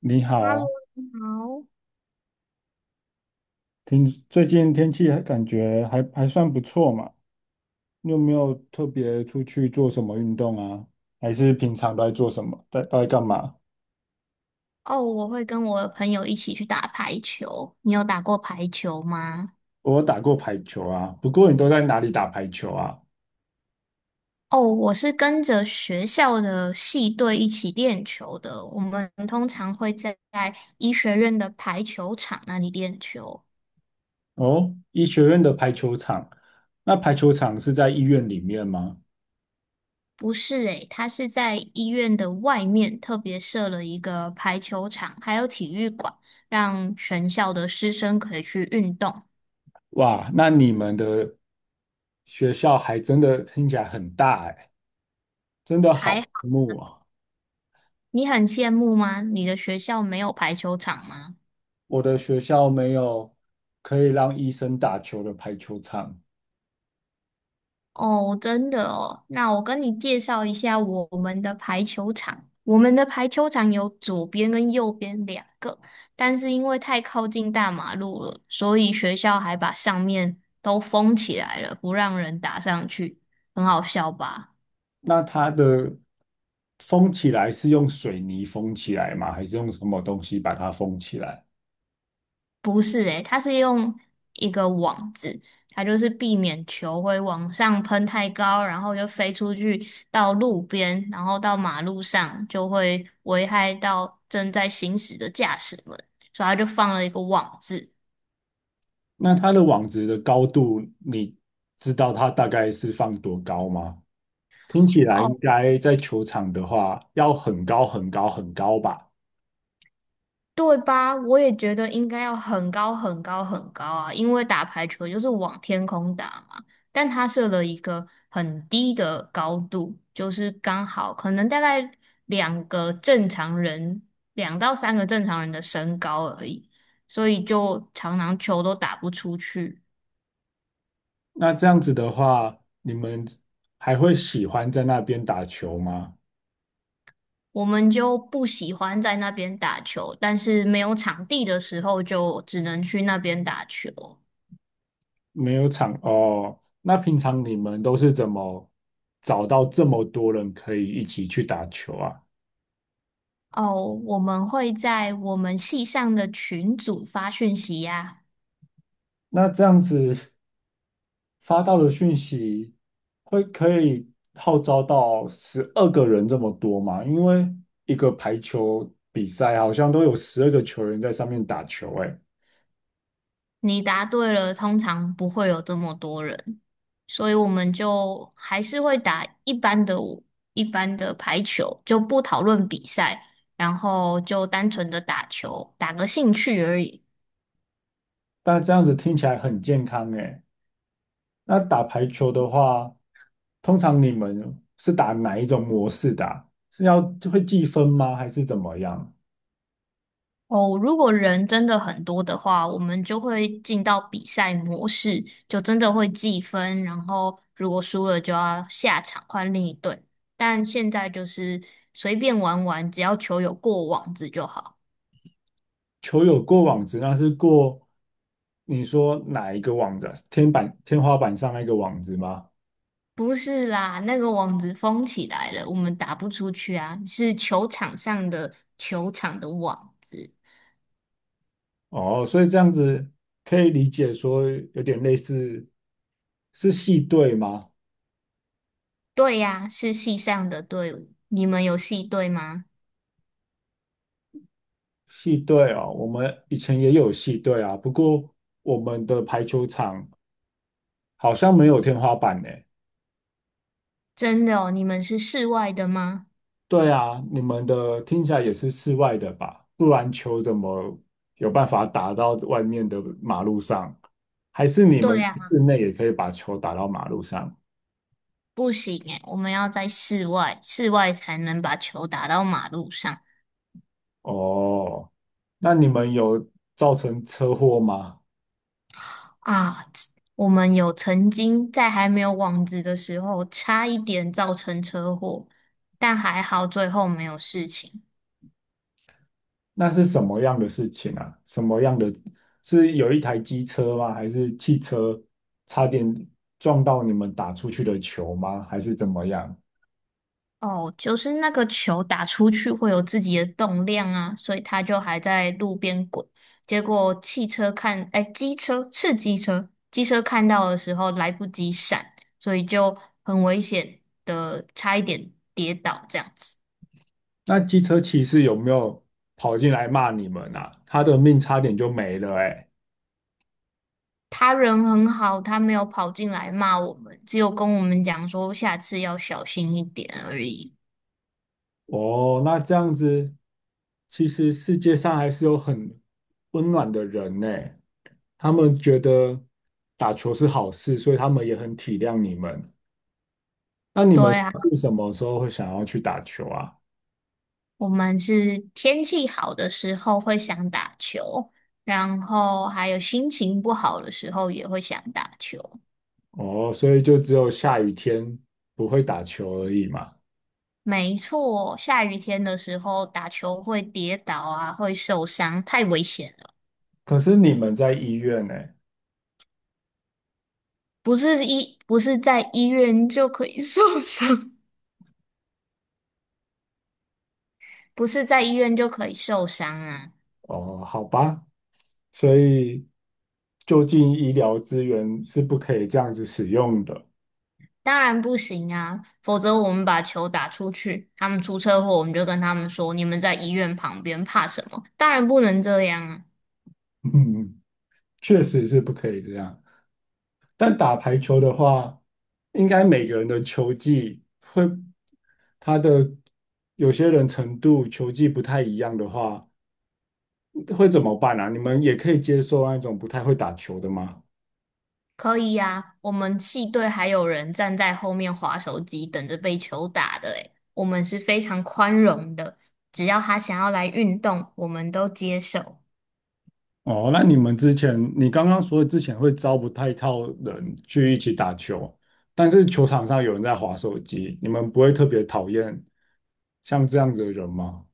你好，哈喽，啊，你好。听，最近天气还感觉还还算不错嘛？你有没有特别出去做什么运动啊？还是平常都在做什么？都在干嘛？哦，我会跟我的朋友一起去打排球。你有打过排球吗？我有打过排球啊，不过你都在哪里打排球啊？哦，我是跟着学校的系队一起练球的。我们通常会在医学院的排球场那里练球。哦，医学院的排球场，那排球场是在医院里面吗？不是诶，他是在医院的外面特别设了一个排球场，还有体育馆，让全校的师生可以去运动。哇，那你们的学校还真的听起来很大哎，真的还好好，羡慕啊！你很羡慕吗？你的学校没有排球场吗？我的学校没有可以让医生打球的排球场。哦，真的哦，那我跟你介绍一下我们的排球场。我们的排球场有左边跟右边两个，但是因为太靠近大马路了，所以学校还把上面都封起来了，不让人打上去，很好笑吧？那它的封起来是用水泥封起来吗？还是用什么东西把它封起来？不是诶，它是用一个网子，它就是避免球会往上喷太高，然后就飞出去到路边，然后到马路上，就会危害到正在行驶的驾驶们，所以它就放了一个网子。那它的网子的高度，你知道它大概是放多高吗？听起来应哦。该在球场的话要很高很高很高吧？对吧？我也觉得应该要很高很高很高啊，因为打排球就是往天空打嘛。但他设了一个很低的高度，就是刚好可能大概两个正常人，两到三个正常人的身高而已，所以就常常球都打不出去。那这样子的话，你们还会喜欢在那边打球吗？我们就不喜欢在那边打球，但是没有场地的时候就只能去那边打球。没有场哦，那平常你们都是怎么找到这么多人可以一起去打球啊？哦，我们会在我们系上的群组发讯息呀。那这样子发到的讯息会可以号召到12个人这么多嘛？因为一个排球比赛好像都有12个球员在上面打球，哎，你答对了，通常不会有这么多人，所以我们就还是会打一般的排球，就不讨论比赛，然后就单纯的打球，打个兴趣而已。但这样子听起来很健康，哎。那打排球的话，通常你们是打哪一种模式的啊是要会计分吗？还是怎么样？哦，如果人真的很多的话，我们就会进到比赛模式，就真的会计分，然后如果输了就要下场换另一队。但现在就是随便玩玩，只要球有过网子就好。球有过网子，那是过你说哪一个网子啊天板、天花板上那个网子吗？不是啦，那个网子封起来了，我们打不出去啊，是球场上的球场的网子。哦，所以这样子可以理解说有点类似是系队吗？对呀，是系上的队伍。你们有系队吗？系队哦，我们以前也有系队啊，不过我们的排球场好像没有天花板呢。真的哦，你们是室外的吗？对啊，你们的听起来也是室外的吧？不然球怎么有办法打到外面的马路上？还是你对们呀。室内也可以把球打到马路上？不行诶，我们要在室外，室外才能把球打到马路上哦，那你们有造成车祸吗？啊。我们有曾经在还没有网子的时候，差一点造成车祸，但还好最后没有事情。那是什么样的事情啊？什么样的？是有一台机车吗？还是汽车差点撞到你们打出去的球吗？还是怎么样？哦，就是那个球打出去会有自己的动量啊，所以它就还在路边滚。结果汽车看，哎，机车是机车，机车看到的时候来不及闪，所以就很危险的，差一点跌倒这样子。那机车骑士有没有跑进来骂你们啊？他的命差点就没了哎、他人很好，他没有跑进来骂我们，只有跟我们讲说下次要小心一点而已。哦，那这样子，其实世界上还是有很温暖的人呢、他们觉得打球是好事，所以他们也很体谅你们。那你对们啊，是什么时候会想要去打球啊？我们是天气好的时候会想打球，然后还有心情不好的时候也会想打球。哦，所以就只有下雨天不会打球而已嘛。没错，下雨天的时候打球会跌倒啊，会受伤，太危险了。可是你们在医院呢？不是在医院就可以 受伤，不是在医院就可以受伤啊。哦，好吧，所以就近医疗资源是不可以这样子使用的。当然不行啊，否则我们把球打出去，他们出车祸，我们就跟他们说，你们在医院旁边，怕什么？当然不能这样啊。嗯，确实是不可以这样。但打排球的话，应该每个人的球技会，他的有些人程度球技不太一样的话，会怎么办啊？你们也可以接受那种不太会打球的吗？可以呀、我们系队还有人站在后面划手机，等着被球打的诶，我们是非常宽容的，只要他想要来运动，我们都接受。哦，那你们之前，你刚刚说之前会招不太到人去一起打球，但是球场上有人在划手机，你们不会特别讨厌像这样子的人吗？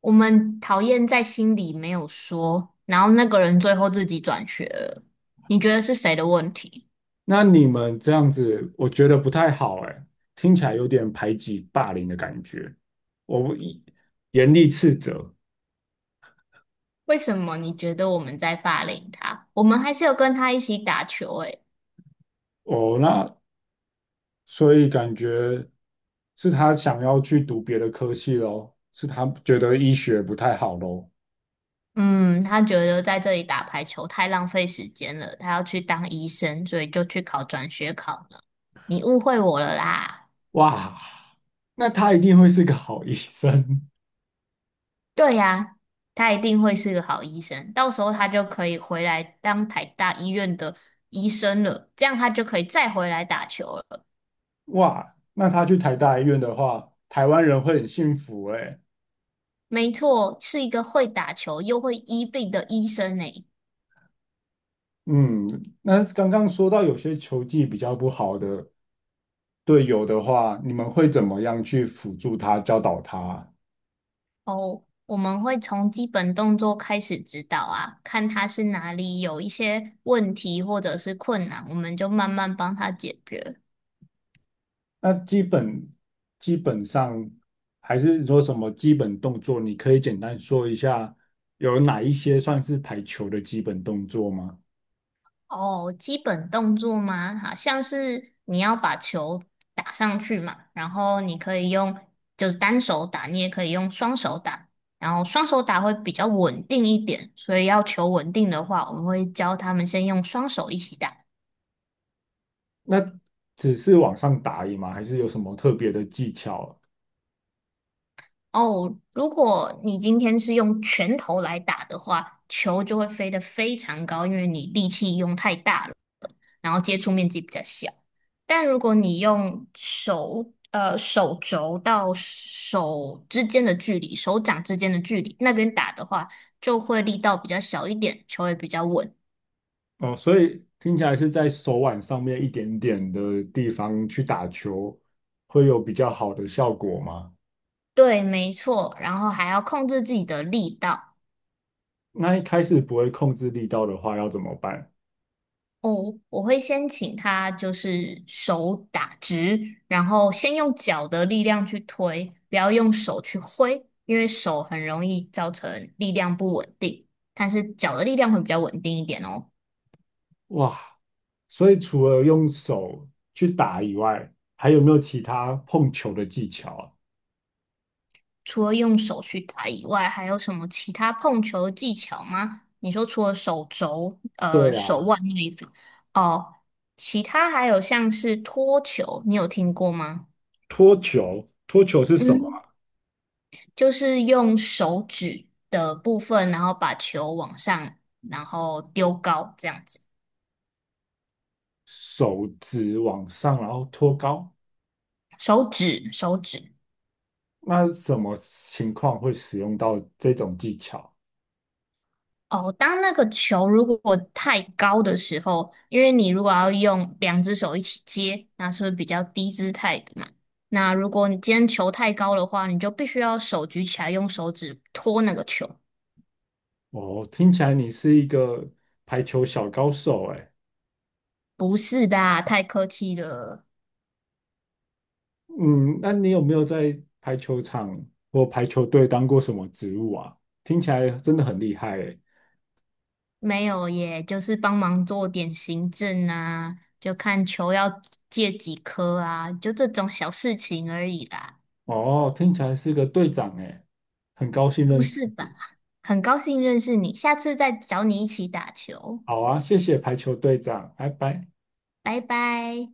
我们讨厌在心里没有说，然后那个人最后自己转学了，你觉得是谁的问题？那你们这样子，我觉得不太好，哎，听起来有点排挤霸凌的感觉。我不一严厉斥责，为什么你觉得我们在霸凌他？我们还是有跟他一起打球诶。哦，那所以感觉是他想要去读别的科系咯，是他觉得医学不太好咯。嗯，他觉得在这里打排球太浪费时间了，他要去当医生，所以就去考转学考了。你误会我了啦。哇，那他一定会是个好医生。对呀，他一定会是个好医生，到时候他就可以回来当台大医院的医生了，这样他就可以再回来打球了。哇，那他去台大医院的话，台湾人会很幸福诶。没错，是一个会打球又会医病的医生呢。嗯，那刚刚说到有些球技比较不好的队友的话，你们会怎么样去辅助他、教导他？哦，我们会从基本动作开始指导啊，看他是哪里有一些问题或者是困难，我们就慢慢帮他解决。那基本上还是说什么基本动作，你可以简单说一下有哪一些算是排球的基本动作吗？哦，基本动作吗？好像是你要把球打上去嘛，然后你可以用就是单手打，你也可以用双手打，然后双手打会比较稳定一点，所以要求稳定的话，我们会教他们先用双手一起打。那只是往上打而已吗？还是有什么特别的技巧？哦，如果你今天是用拳头来打的话，球就会飞得非常高，因为你力气用太大了，然后接触面积比较小。但如果你用手，手肘到手之间的距离，手掌之间的距离，那边打的话，就会力道比较小一点，球也比较稳。哦，所以听起来是在手腕上面一点点的地方去打球，会有比较好的效果吗？对，没错，然后还要控制自己的力道。那一开始不会控制力道的话，要怎么办？哦，我会先请他就是手打直，然后先用脚的力量去推，不要用手去挥，因为手很容易造成力量不稳定。但是脚的力量会比较稳定一点哦。哇，所以除了用手去打以外，还有没有其他碰球的技巧啊？除了用手去打以外，还有什么其他碰球的技巧吗？你说除了手肘、对手啊，腕那一种，哦，其他还有像是托球，你有听过吗？托球，托球是什么啊就是用手指的部分，然后把球往上，然后丢高这样子。手指往上，然后托高。手指，手指。那什么情况会使用到这种技巧？哦，当那个球如果太高的时候，因为你如果要用两只手一起接，那是不是比较低姿态的嘛？那如果你今天球太高的话，你就必须要手举起来，用手指托那个球。哦，听起来你是一个排球小高手哎。不是的啊太客气了。嗯，那你有没有在排球场或排球队当过什么职务啊？听起来真的很厉害哎。没有耶，就是帮忙做点行政啊，就看球要借几颗啊，就这种小事情而已啦，哦，听起来是个队长哎，很高兴不认识是吧？你。很高兴认识你，下次再找你一起打球，好啊，谢谢排球队长，拜拜。拜拜。